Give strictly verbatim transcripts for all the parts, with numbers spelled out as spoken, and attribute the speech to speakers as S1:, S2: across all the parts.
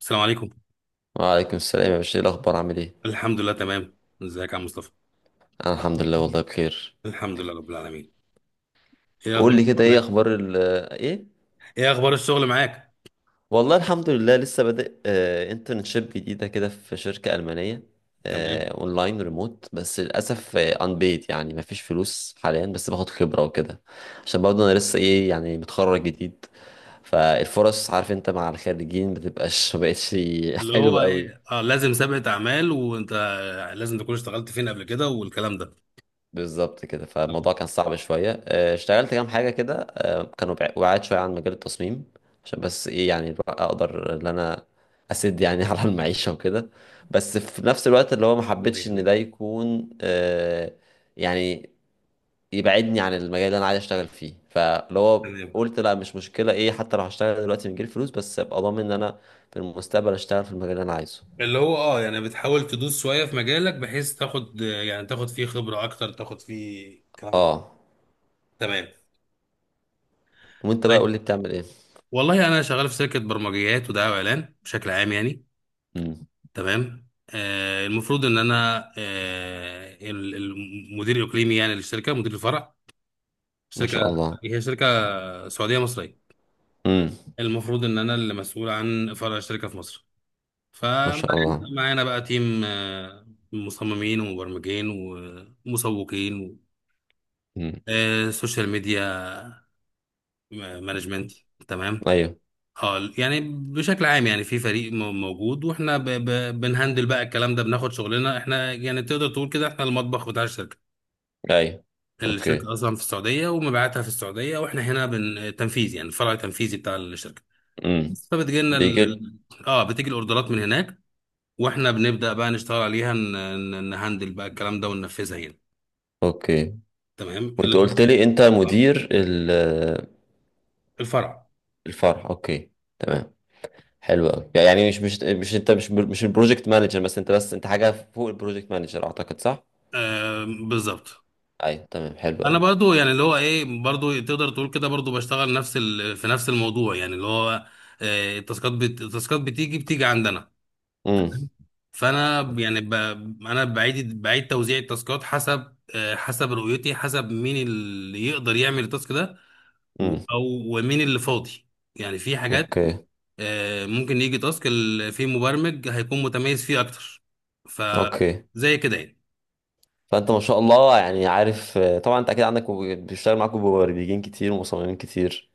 S1: السلام عليكم.
S2: وعليكم السلام يا باشا، ايه الاخبار؟ عامل ايه؟
S1: الحمد لله تمام، ازيك يا عم مصطفى؟
S2: انا الحمد لله والله بخير.
S1: الحمد لله رب العالمين. ايه اخبار
S2: قول لي كده
S1: الشغل
S2: ايه
S1: معاك؟
S2: اخبار ال ايه
S1: ايه اخبار الشغل معاك؟
S2: والله الحمد لله، لسه بادئ آه انترنشيب جديده كده في شركه المانيه.
S1: تمام.
S2: آه اونلاين ريموت، بس للاسف انبيد، يعني مفيش فلوس حاليا، بس باخد خبره وكده. عشان برضه انا لسه ايه، يعني متخرج جديد، فالفرص عارف انت مع الخريجين بتبقاش ما بقتش.
S1: اللي هو
S2: حلوه قوي.
S1: ايه اه لازم سابقة اعمال، وانت لازم تكون اشتغلت فين قبل كده والكلام ده.
S2: بالظبط كده،
S1: تمام.
S2: فالموضوع كان صعب شوية، آه، اشتغلت كام حاجة كده، آه، كانوا بع- بعاد شوية عن مجال التصميم. عشان بس ايه، يعني بقى اقدر ان انا اسد يعني على المعيشة وكده. بس في نفس الوقت اللي هو ما
S1: الله
S2: حبيتش ان ده
S1: يعينك.
S2: يكون، آه، يعني يبعدني عن المجال اللي انا عايز اشتغل فيه، فاللي هو
S1: تمام.
S2: قلت لا مش مشكلة ايه، حتى لو هشتغل دلوقتي من غير فلوس، بس ابقى ضامن ان انا في المستقبل اشتغل في المجال اللي انا عايزه.
S1: اللي هو اه يعني بتحاول تدوس شوية في مجالك بحيث تاخد يعني تاخد فيه خبرة اكتر، تاخد فيه الكلام ده.
S2: اه.
S1: تمام.
S2: وانت بقى قول
S1: طيب،
S2: لي بتعمل ايه؟
S1: والله انا شغال في شركة برمجيات ودعاية واعلان بشكل عام يعني.
S2: امم.
S1: تمام، آه المفروض ان انا آه ال- المدير الاقليمي يعني للشركه، مدير الفرع.
S2: ما
S1: شركه،
S2: شاء الله.
S1: هي شركه سعوديه مصريه.
S2: امم.
S1: المفروض ان انا اللي مسؤول عن فرع الشركه في مصر.
S2: ما
S1: فمعانا،
S2: شاء الله.
S1: معانا بقى تيم، آه مصممين ومبرمجين ومسوقين و-
S2: مم.
S1: آه سوشيال ميديا آه، مانجمنت. تمام.
S2: ايوه.
S1: اه يعني بشكل عام، يعني في فريق م- موجود، واحنا ب- ب- بنهندل بقى الكلام ده، بناخد شغلنا احنا، يعني تقدر تقول كده احنا المطبخ بتاع الشركه.
S2: ايوه. اوكي.
S1: الشركه اصلا في السعوديه ومبيعاتها في السعوديه، واحنا هنا بن تنفيذ، يعني الفرع التنفيذي بتاع الشركه.
S2: امم.
S1: بس فبتجي لنا ال...
S2: بيجل.
S1: ال- اه بتيجي الاوردرات من هناك، واحنا بنبدا بقى نشتغل عليها، ن... ن- نهندل بقى الكلام ده وننفذها هنا.
S2: اوكي.
S1: تمام،
S2: وانت
S1: اللي
S2: قلت
S1: هو
S2: لي انت
S1: آه،
S2: مدير ال-
S1: الفرع.
S2: الفرع. اوكي، تمام. حلو قوي، يعني مش مش مش انت مش مش البروجكت مانجر بس، انت بس انت حاجه فوق البروجكت مانجر، اعتقد، صح؟
S1: آه بالظبط.
S2: ايوه تمام، حلو
S1: انا
S2: قوي.
S1: برضو يعني اللي هو ايه، برضو تقدر تقول كده برضو بشتغل نفس ال... في نفس الموضوع، يعني اللي هو آه التاسكات بت... التاسكات بتيجي بتيجي عندنا.
S2: امم.
S1: فانا يعني ب... انا بعيد بعيد توزيع التاسكات حسب آه، حسب رؤيتي، حسب مين اللي يقدر يعمل التاسك ده و-
S2: امم.
S1: او ومين اللي فاضي. يعني في حاجات
S2: اوكي.
S1: آه، ممكن يجي تاسك ال- في مبرمج هيكون متميز فيه اكتر. ف
S2: اوكي.
S1: زي كده يعني.
S2: فانت ما شاء الله، يعني عارف آه، طبعا انت اكيد عندك مب- بيشتغل معاك مبرمجين كتير ومصممين كتير.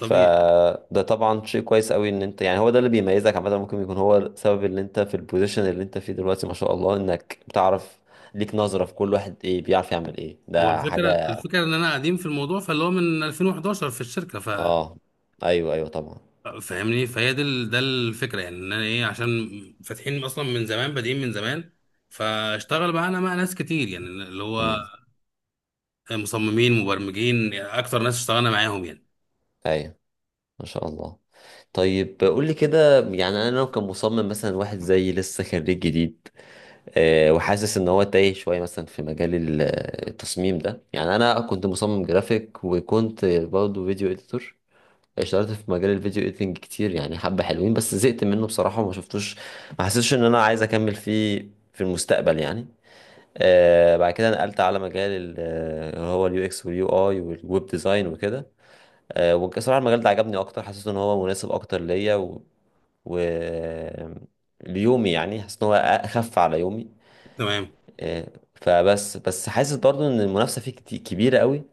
S1: طبيعي.
S2: طبعا شيء كويس قوي ان انت، يعني هو ده اللي بيميزك عامه، ممكن يكون هو السبب اللي انت في البوزيشن اللي انت فيه دلوقتي ما شاء الله، انك بتعرف ليك نظرة في كل واحد ايه بيعرف يعمل ايه،
S1: هو
S2: ده
S1: الفكره
S2: حاجة.
S1: الفكره ان انا قديم في الموضوع، فاللي هو من الفين وحداشر في الشركه. ف
S2: اه. ايوه ايوه طبعا.
S1: فاهمني. فهي دي ال- ده الفكره، يعني ان انا ايه عشان فاتحين اصلا من زمان، بادئين من زمان، فاشتغل معانا مع ناس كتير، يعني اللي هو
S2: امم.
S1: مصممين مبرمجين، يعني اكتر ناس اشتغلنا معاهم يعني.
S2: ايوه. ما شاء الله. طيب قول لي كده، يعني انا لو كان مصمم مثلا، واحد زي لسه خريج جديد، آه، وحاسس ان هو تايه شويه، مثلا في مجال ال- آه، التصميم ده. يعني انا كنت مصمم جرافيك، وكنت برضه فيديو اديتور، اشتغلت في مجال الفيديو اديتنج كتير، يعني حبه حلوين بس زهقت منه بصراحه وما شفتوش، ما حسيتش ان انا عايز اكمل فيه في المستقبل يعني. آه بعد كده نقلت على مجال ال- آه، اللي هو اليو اكس واليو اي والويب ديزاين وكده. آه وبصراحه المجال ده عجبني اكتر، حسيت ان هو مناسب اكتر ليا و... و... ليومي، يعني حاسس ان هو اخف على يومي.
S1: تمام.
S2: آه، فبس بس حاسس برضو ان المنافسه فيه كتي- كبيره قوي.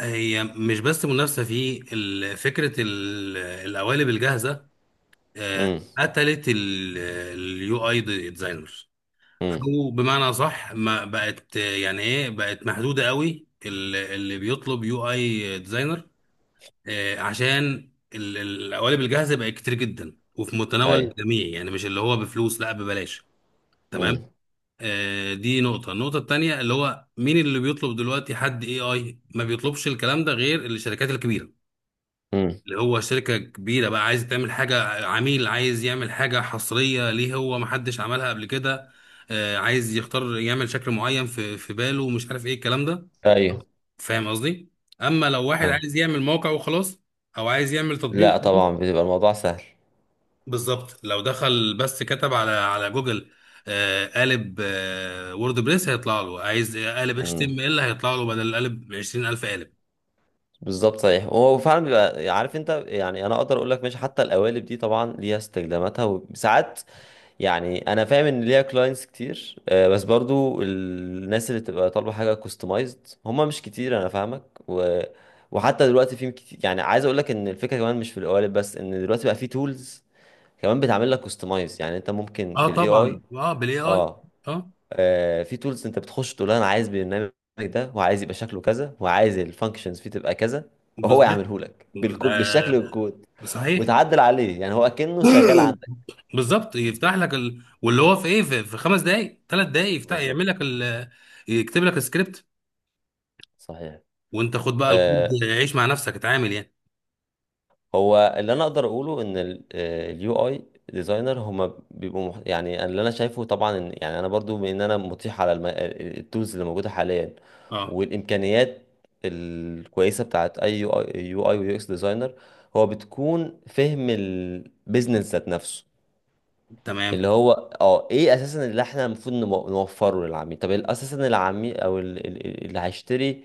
S1: هي مش بس منافسه في ال- فكره ال- القوالب الجاهزه، آه،
S2: امم.
S1: قتلت اليو اي ديزاينرز.
S2: امم.
S1: او بمعنى صح، ما بقت آه، يعني ايه بقت محدوده قوي، ال- اللي بيطلب يو اي ديزاينر، آه، عشان ال- ال- القوالب الجاهزه بقت كتير جدا وفي متناول
S2: ايوه.
S1: الجميع، يعني مش اللي هو بفلوس، لا ببلاش.
S2: امم.
S1: تمام. آه، دي نقطه. النقطه التانيه اللي هو مين اللي بيطلب دلوقتي؟ حد اي اي ما بيطلبش الكلام ده غير الشركات الكبيره،
S2: امم.
S1: اللي هو شركه كبيره بقى عايز تعمل حاجه، عميل عايز يعمل حاجه حصريه ليه، هو ما حدش عملها قبل كده، آه، عايز يختار يعمل شكل معين في في باله، ومش عارف ايه الكلام ده.
S2: ايوه.
S1: فاهم قصدي؟ اما لو واحد
S2: آه.
S1: عايز يعمل موقع وخلاص، او عايز يعمل تطبيق.
S2: لا طبعا بيبقى الموضوع سهل.
S1: بالظبط، لو دخل بس كتب على على جوجل آه، قالب آه، ووردبريس، هيطلع له. عايز قالب اتش تي
S2: امم.
S1: ام ال، هيطلع له بدل القالب عشرين الف قالب.
S2: بالظبط، صحيح، هو فعلا بيبقى عارف انت. يعني انا اقدر اقول لك ماشي، حتى القوالب دي طبعا ليها استخداماتها وساعات، يعني انا فاهم ان ليها كلاينتس كتير، آه، بس برضو الناس اللي تبقى طالبه حاجه كوستمايزد هم مش كتير، انا فاهمك. و... وحتى دلوقتي في كتير، يعني عايز اقول لك ان الفكره كمان مش في القوالب بس، ان دلوقتي بقى في تولز كمان بتعمل لك كوستمايز، يعني انت ممكن
S1: اه
S2: بالاي
S1: طبعا،
S2: اي.
S1: اه بالاي اي.
S2: اه.
S1: اه
S2: آه، في تولز انت بتخش تقول له انا عايز البرنامج ده، وعايز يبقى شكله كذا، وعايز الفانكشنز فيه تبقى كذا، وهو
S1: بالظبط
S2: يعمله لك بالكود، بالشكل
S1: ده.
S2: والكود،
S1: صحيح.
S2: وتعدل عليه، يعني هو كأنه شغال عندك.
S1: بالظبط، يفتح
S2: بالظبط.
S1: لك ال... واللي هو في ايه، في, في خمس دقائق، ثلاث دقائق يفتح،
S2: بالظبط.
S1: يعمل لك ال... يكتب لك السكريبت.
S2: صحيح.
S1: وانت خد بقى
S2: آه،
S1: الكود، عيش مع نفسك، اتعامل يعني.
S2: هو اللي انا اقدر اقوله ان اليو اي ديزاينر هما بيبقوا مح... يعني اللي انا شايفه طبعا، إن، يعني انا برضو بما ان انا مطيح على الم... التولز اللي موجوده حاليا
S1: اه
S2: والامكانيات الكويسه بتاعت اي يو اي، يو اي ويو اكس ديزاينر، هو بتكون فهم البيزنس ذات نفسه.
S1: تمام.
S2: اللي هو اه ايه اساسا اللي احنا المفروض نمو- نوفره للعميل. طب ال- اساسا العميل، او ال- ال- ال- اللي هيشتري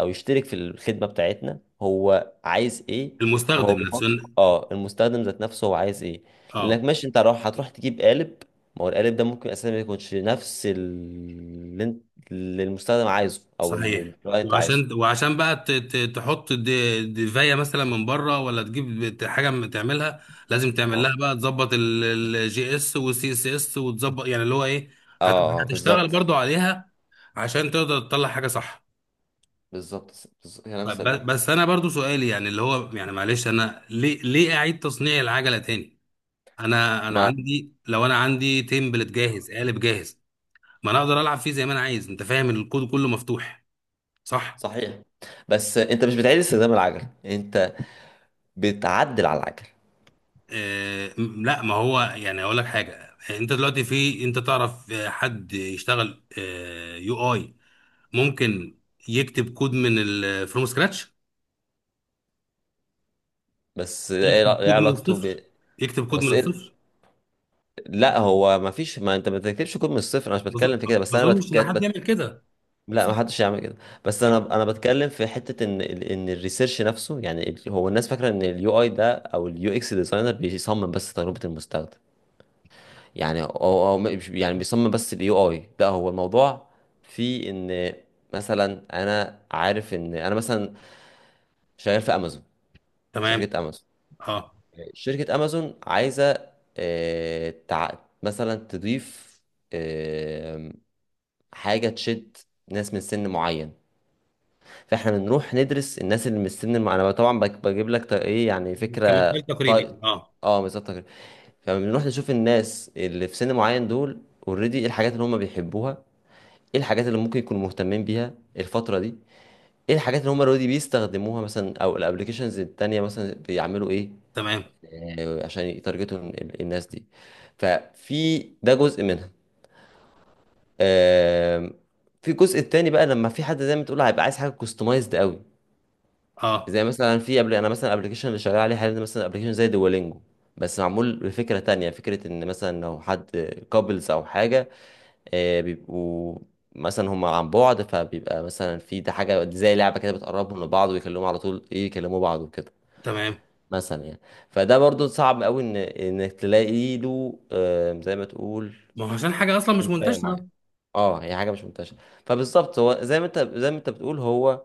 S2: او يشترك في الخدمة بتاعتنا هو عايز ايه؟ وهو
S1: المستخدم نفسه.
S2: بيفكر. اه، المستخدم ذات نفسه هو عايز ايه.
S1: اه.
S2: لانك ماشي، انت راح هتروح تجيب قالب، ما هو القالب ده ممكن اساسا ما يكونش نفس ال- اللي انت، اللي المستخدم عايزه، او ال- ال-
S1: صحيح.
S2: الكلاينت عايزه.
S1: وعشان وعشان بقى ت- ت- تحط دي- دفايه مثلا من بره، ولا تجيب ت- حاجه من تعملها، لازم تعمل
S2: اه.
S1: لها بقى، تظبط الجي اس والسي اس اس، وتظبط يعني اللي هو ايه،
S2: اه
S1: هت-
S2: آه،
S1: هتشتغل
S2: بالظبط.
S1: برضو عليها عشان تقدر تطلع حاجه صح.
S2: بالظبط. بالظبط، كلام
S1: طيب، ب-
S2: سليم.
S1: بس انا برضو سؤالي يعني اللي هو، يعني معلش، انا ليه ليه اعيد تصنيع العجله تاني؟ انا انا
S2: ما
S1: عندي، لو انا عندي تمبلت جاهز، قالب جاهز، ما انا اقدر العب فيه زي ما انا عايز، انت فاهم، الكود كله مفتوح. صح.
S2: صحيح، بس انت مش بتعيد استخدام العجل، انت بتعدل على العجل.
S1: آه، م- لا، ما هو يعني اقول لك حاجه، انت دلوقتي في، انت تعرف آه، حد يشتغل آه، يو اي، ممكن يكتب كود من ال فروم سكراتش.
S2: بس ايه لا-
S1: يكتب
S2: إيه
S1: كود من
S2: علاقته ب
S1: الصفر. يكتب كود من
S2: بس إيه...
S1: الصفر.
S2: لا هو ما فيش، ما انت ما بتركبش كود من الصفر. انا مش
S1: ما أظن-
S2: بتكلم في كده، بس
S1: ما
S2: انا
S1: اظنش
S2: بتك...
S1: ان حد
S2: بت...
S1: يعمل كده.
S2: لا ما
S1: صح.
S2: حدش يعمل كده. بس انا
S1: طيب.
S2: انا بتكلم في حته ان ال- ان الريسيرش نفسه، يعني ال- هو الناس فاكره ان اليو اي ده او اليو اكس ديزاينر بيصمم بس تجربه المستخدم. يعني هو هو مش- يعني بيصمم بس اليو اي، لا هو الموضوع في ان، مثلا انا عارف ان انا مثلا شغال في امازون،
S1: تمام.
S2: شركه امازون،
S1: اه،
S2: شركة امازون عايزة، آه، تع... مثلا تضيف آه، حاجة تشد ناس من سن معين. فاحنا بنروح ندرس الناس اللي من السن الم... انا طبعا بج- بجيب لك ط- ايه، يعني فكرة.
S1: كمثال تقريبي.
S2: طيب.
S1: اه
S2: اه بالظبط كده. فبنروح نشوف الناس اللي في سن معين دول، اوريدي ايه الحاجات اللي هم بيحبوها، ايه الحاجات اللي ممكن يكونوا مهتمين بيها الفترة دي، ايه الحاجات اللي هم اوريدي بيستخدموها مثلا، او الابلكيشنز التانية مثلا بيعملوا ايه،
S1: تمام.
S2: آه، عشان يتارجتوا ال- الناس دي. ففي ده جزء منها. آم، في الجزء التاني بقى لما في حد زي ما تقول هيبقى عايز حاجه كوستمايزد قوي،
S1: اه
S2: زي مثلا في قبل، انا مثلا ابلكيشن اللي شغال عليه حاليا ده، مثلا ابلكيشن زي دوالينجو بس معمول بفكره تانية. فكره ان مثلا لو حد كابلز او حاجه، آه، بيبقوا مثلا هم عن بعد، فبيبقى مثلا في ده حاجه زي لعبه كده بتقربهم لبعض، ويكلموا على طول ايه، يكلموا بعض وكده
S1: تمام.
S2: مثلا يعني. فده برضو صعب قوي ان انك تلاقي له، آه، زي ما تقول
S1: ما هو عشان حاجه اصلا مش
S2: انباية معينة.
S1: منتشره.
S2: اه هي حاجة مش منتشرة. فبالظبط هو زي ما انت زي ما انت بتقول، هو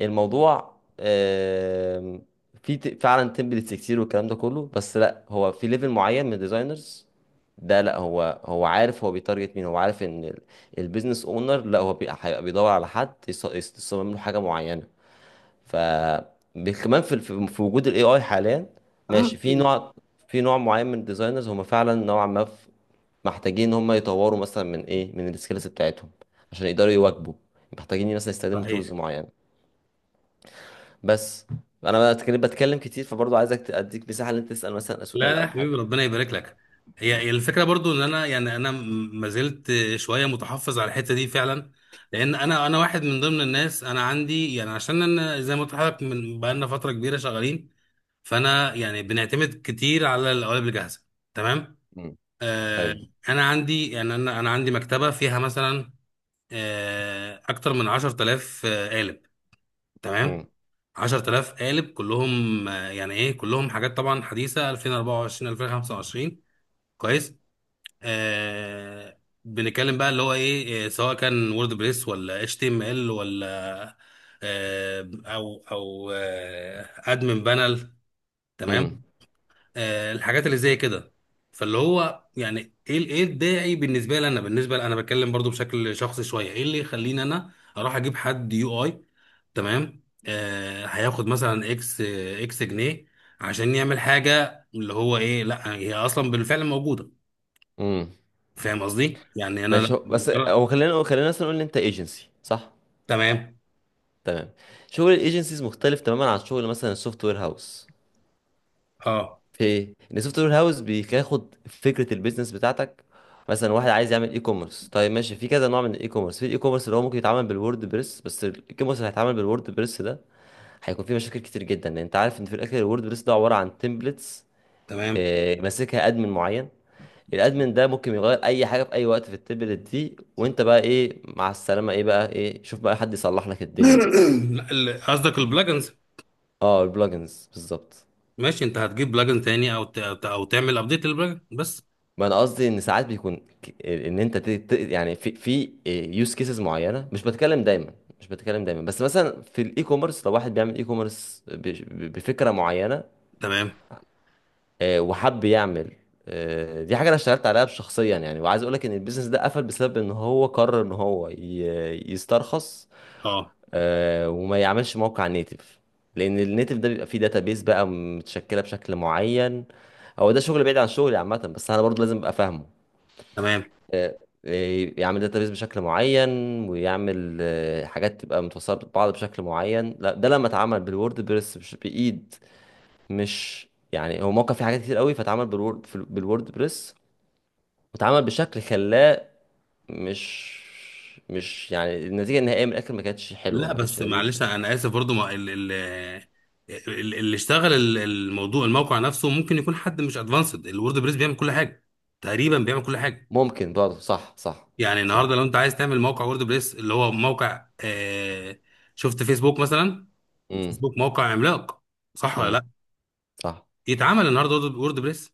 S2: الموضوع آم، في ت- فعلا تمبلتس كتير والكلام ده كله، بس لا هو في ليفل معين من الديزاينرز ده، لا هو، هو عارف هو بيتارجت مين، هو عارف ان البيزنس اونر، لا هو بي- هيبقى بيدور على حد يص- يص- يصمم له حاجة معينة. ف بي- كمان في في في وجود الاي اي حاليا، ماشي في نوع، في نوع معين من الديزاينرز هم فعلا نوعا ما ف- محتاجين ان هم يطوروا مثلا من ايه، من السكيلز بتاعتهم عشان يقدروا يواكبوا، محتاجين مثلا يستخدموا تولز
S1: صحيح.
S2: معينه. بس انا بقى بتكلم بتكلم كتير، فبرضه عايزك ت- اديك مساحه ان انت تسال مثلا
S1: لا
S2: سؤال
S1: لا يا
S2: او حاجه.
S1: حبيبي، ربنا يبارك لك. هي هي الفكره برضو ان انا يعني انا م- ما زلت شويه متحفظ على الحته دي فعلا. لان انا انا واحد من ضمن الناس، انا عندي يعني، عشان انا زي ما قلت لحضرتك من بقالنا فتره كبيره شغالين، فانا يعني بنعتمد كتير على القوالب الجاهزه. تمام.
S2: مم.
S1: آه.
S2: طيب.
S1: انا عندي، يعني انا انا عندي مكتبه فيها مثلا آه اكتر من عشر آلاف آه، قالب. تمام.
S2: امم.
S1: عشر آلاف قالب كلهم آه، يعني ايه، كلهم حاجات طبعا حديثه، الفين واربعه وعشرين الفين وخمسه وعشرين. كويس. آه، بنتكلم بقى اللي هو ايه، آه، سواء كان وورد بريس، ولا اتش تي ام ال، ولا آه او او آه ادمن بانل.
S2: امم.
S1: تمام. آه الحاجات اللي زي كده. فاللي هو يعني ايه، ال- ايه الداعي بالنسبه لي انا، بالنسبه لي انا بتكلم برضو بشكل شخصي شويه، ايه اللي يخليني انا اروح اجيب حد يو اي، تمام، آه هياخد مثلا اكس اكس جنيه عشان يعمل حاجه، اللي هو ايه، لا هي اصلا بالفعل موجوده.
S2: امم.
S1: فاهم قصدي؟ يعني انا
S2: ماشي هو-
S1: لا-
S2: بس
S1: مجرد.
S2: هو خلينا، خلينا مثلا نقول ان انت ايجنسي صح،
S1: تمام.
S2: تمام. شغل الايجنسيز مختلف تماما عن شغل مثلا السوفت وير هاوس،
S1: اه
S2: في ان سوفت وير هاوس بياخد فكره البيزنس بتاعتك. مثلا واحد عايز يعمل اي كوميرس، طيب ماشي في كذا نوع من الاي كوميرس، في الاي كوميرس اللي هو ممكن يتعمل بالوورد بريس، بس الاي كوميرس اللي هيتعمل بالوورد بريس ده هيكون فيه مشاكل كتير جدا، لان انت عارف ان في الاخر الوورد بريس ده عباره عن تمبلتس
S1: تمام.
S2: ماسكها ادمن معين، الادمن ده ممكن يغير اي حاجه في اي وقت في التمبلت دي، وانت بقى ايه مع السلامه، ايه بقى ايه، شوف بقى حد يصلح لك
S1: لا،
S2: الدنيا دي.
S1: ال- قصدك البلاجنز.
S2: اه البلجنز بالظبط.
S1: ماشي، انت هتجيب بلاجن تاني، او ت- او تعمل ابديت للبلاجن بس.
S2: ما انا قصدي ان ساعات بيكون ك- ان انت ت- ت- يعني في في يوز كيسز معينه، مش بتكلم دايما، مش بتكلم دايما بس مثلا في الاي كوميرس، لو واحد بيعمل اي كوميرس بفكره معينه،
S1: تمام.
S2: آه، وحب يعمل، آه، دي حاجه انا اشتغلت عليها شخصيا يعني، وعايز اقول لك ان البيزنس ده قفل بسبب ان هو قرر ان هو ي- يسترخص،
S1: اه
S2: آه، وما يعملش موقع نيتف، لان النيتف ده بيبقى فيه داتابيز بقى متشكله بشكل معين. هو ده شغل بعيد عن شغلي عامه، بس انا برضه لازم ابقى فاهمه.
S1: تمام.
S2: آه، آه، يعمل داتابيز بشكل معين، ويعمل آه، حاجات تبقى متوصله ببعض بشكل معين، لا ده لما اتعمل بالوورد بريس مش بايد. مش يعني هو موقع فيه حاجات كتير قوي فاتعمل بالوورد في- بالوورد بريس، واتعمل بشكل خلاه، مش مش يعني النتيجه النهائيه من الاخر ما كانتش حلوه،
S1: لا
S2: ما كانتش
S1: بس
S2: لذيذه.
S1: معلش، انا اسف برضو، ما ال- ال- ال- اللي اشتغل ال- الموضوع، الموقع نفسه ممكن يكون حد مش ادفانسد، الورد بريس بيعمل كل حاجه، تقريبا بيعمل كل حاجه.
S2: ممكن برضه. صح. صح.
S1: يعني النهارده
S2: صح.
S1: لو انت عايز تعمل موقع وورد بريس، اللي هو موقع آه، شفت فيسبوك مثلا؟
S2: امم.
S1: فيسبوك موقع عملاق، صح
S2: امم.
S1: ولا؟
S2: صح.
S1: يتعامل النهارده وورد وورد بريس،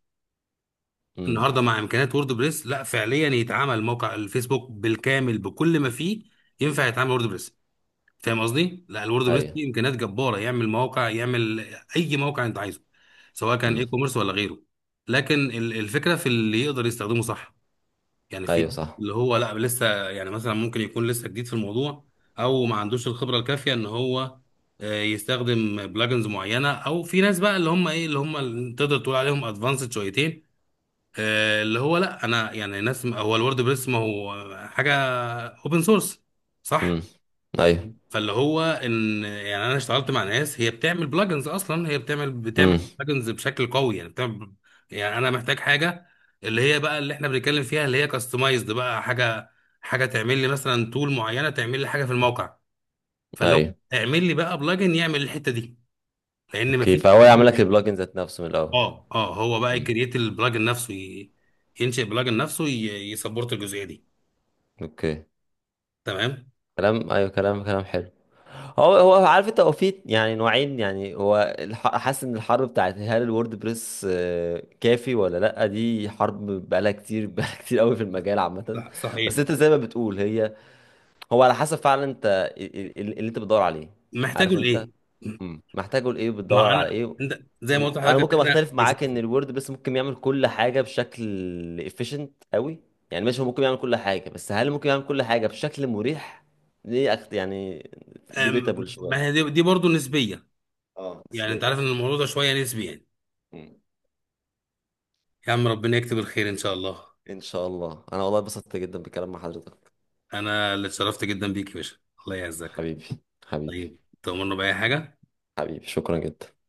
S2: امم.
S1: النهارده مع امكانيات وورد بريس، لا، فعليا يتعامل موقع الفيسبوك بالكامل بكل ما فيه؟ ينفع يتعامل وورد بريس؟ فاهم قصدي؟ لا، الوورد بريس
S2: ايوه.
S1: فيه امكانيات جباره، يعمل مواقع، يعمل اي موقع انت عايزه، سواء كان اي
S2: امم.
S1: كوميرس ولا غيره. لكن ال- الفكره في اللي يقدر يستخدمه صح. يعني
S2: ايوه.
S1: في
S2: صح.
S1: اللي هو لا، لسه يعني مثلا ممكن يكون لسه جديد في الموضوع، او ما عندوش الخبره الكافيه ان هو آه، يستخدم بلجنز معينه، او في ناس بقى اللي هم ايه، اللي هم اللي تقدر تقول عليهم ادفانسد شويتين، آه، اللي هو لا انا يعني ناس، هو الورد بريس ما هو حاجه اوبن سورس، صح.
S2: امم. ايوه.
S1: فاللي هو ان يعني انا اشتغلت مع ناس هي بتعمل بلجنز اصلا، هي بتعمل بتعمل
S2: امم.
S1: بلجنز بشكل قوي، يعني بتعمل، يعني انا محتاج حاجه اللي هي بقى اللي احنا بنتكلم فيها، اللي هي كاستمايزد بقى حاجه، حاجه تعمل لي مثلا تول معينه، تعمل لي حاجه في الموقع. فاللي هو
S2: ايوه.
S1: اعمل لي بقى بلجن يعمل الحته دي، لان
S2: اوكي،
S1: مفيش
S2: فهو يعمل لك البلجن ذات نفسه من الاول.
S1: اه اه هو بقى
S2: مم.
S1: يكريت البلجن نفسه، ي- ينشئ بلجن نفسه، ي- يسبورت الجزئيه دي.
S2: اوكي.
S1: تمام.
S2: كلام، ايوه، كلام، كلام حلو. هو هو عارف انت، هو في يعني نوعين، يعني هو الح- حاسس ان الحرب بتاعت هل الووردبريس آه، كافي ولا لا، دي حرب بقالها كتير بقالها كتير قوي في المجال عامة.
S1: صح
S2: بس
S1: صحيح.
S2: انت زي ما بتقول، هي هو على حسب فعلا، انت ال- ال- اللي انت بتدور عليه،
S1: محتاجه
S2: عارف انت.
S1: لايه.
S2: مم. محتاجه لايه،
S1: ما
S2: بتدور على
S1: انا
S2: ايه.
S1: انت زي ما
S2: و...
S1: قلت
S2: انا
S1: لحضرتك
S2: ممكن
S1: ان احنا
S2: اختلف معاك ان
S1: اساسي.
S2: الوورد بس ممكن يعمل كل حاجه بشكل efficient قوي. يعني ماشي هو ممكن يعمل كل حاجه، بس هل ممكن يعمل كل حاجه بشكل مريح؟ دي أكت... يعني debatable
S1: أم، ما هي
S2: شويه.
S1: دي, دي برضه نسبيه.
S2: اه
S1: يعني
S2: بالنسبه
S1: انت
S2: لي.
S1: عارف ان الموضوع ده شويه نسبي يعني.
S2: مم.
S1: يا عم ربنا يكتب الخير ان شاء الله.
S2: ان شاء الله. انا والله اتبسطت جدا بالكلام مع حضرتك.
S1: انا اللي اتشرفت جدا بيك يا باشا. الله يعزك.
S2: حبيبي. حبيبي.
S1: طيب تؤمرنا باي حاجه.
S2: حبيبي شكرا جدا.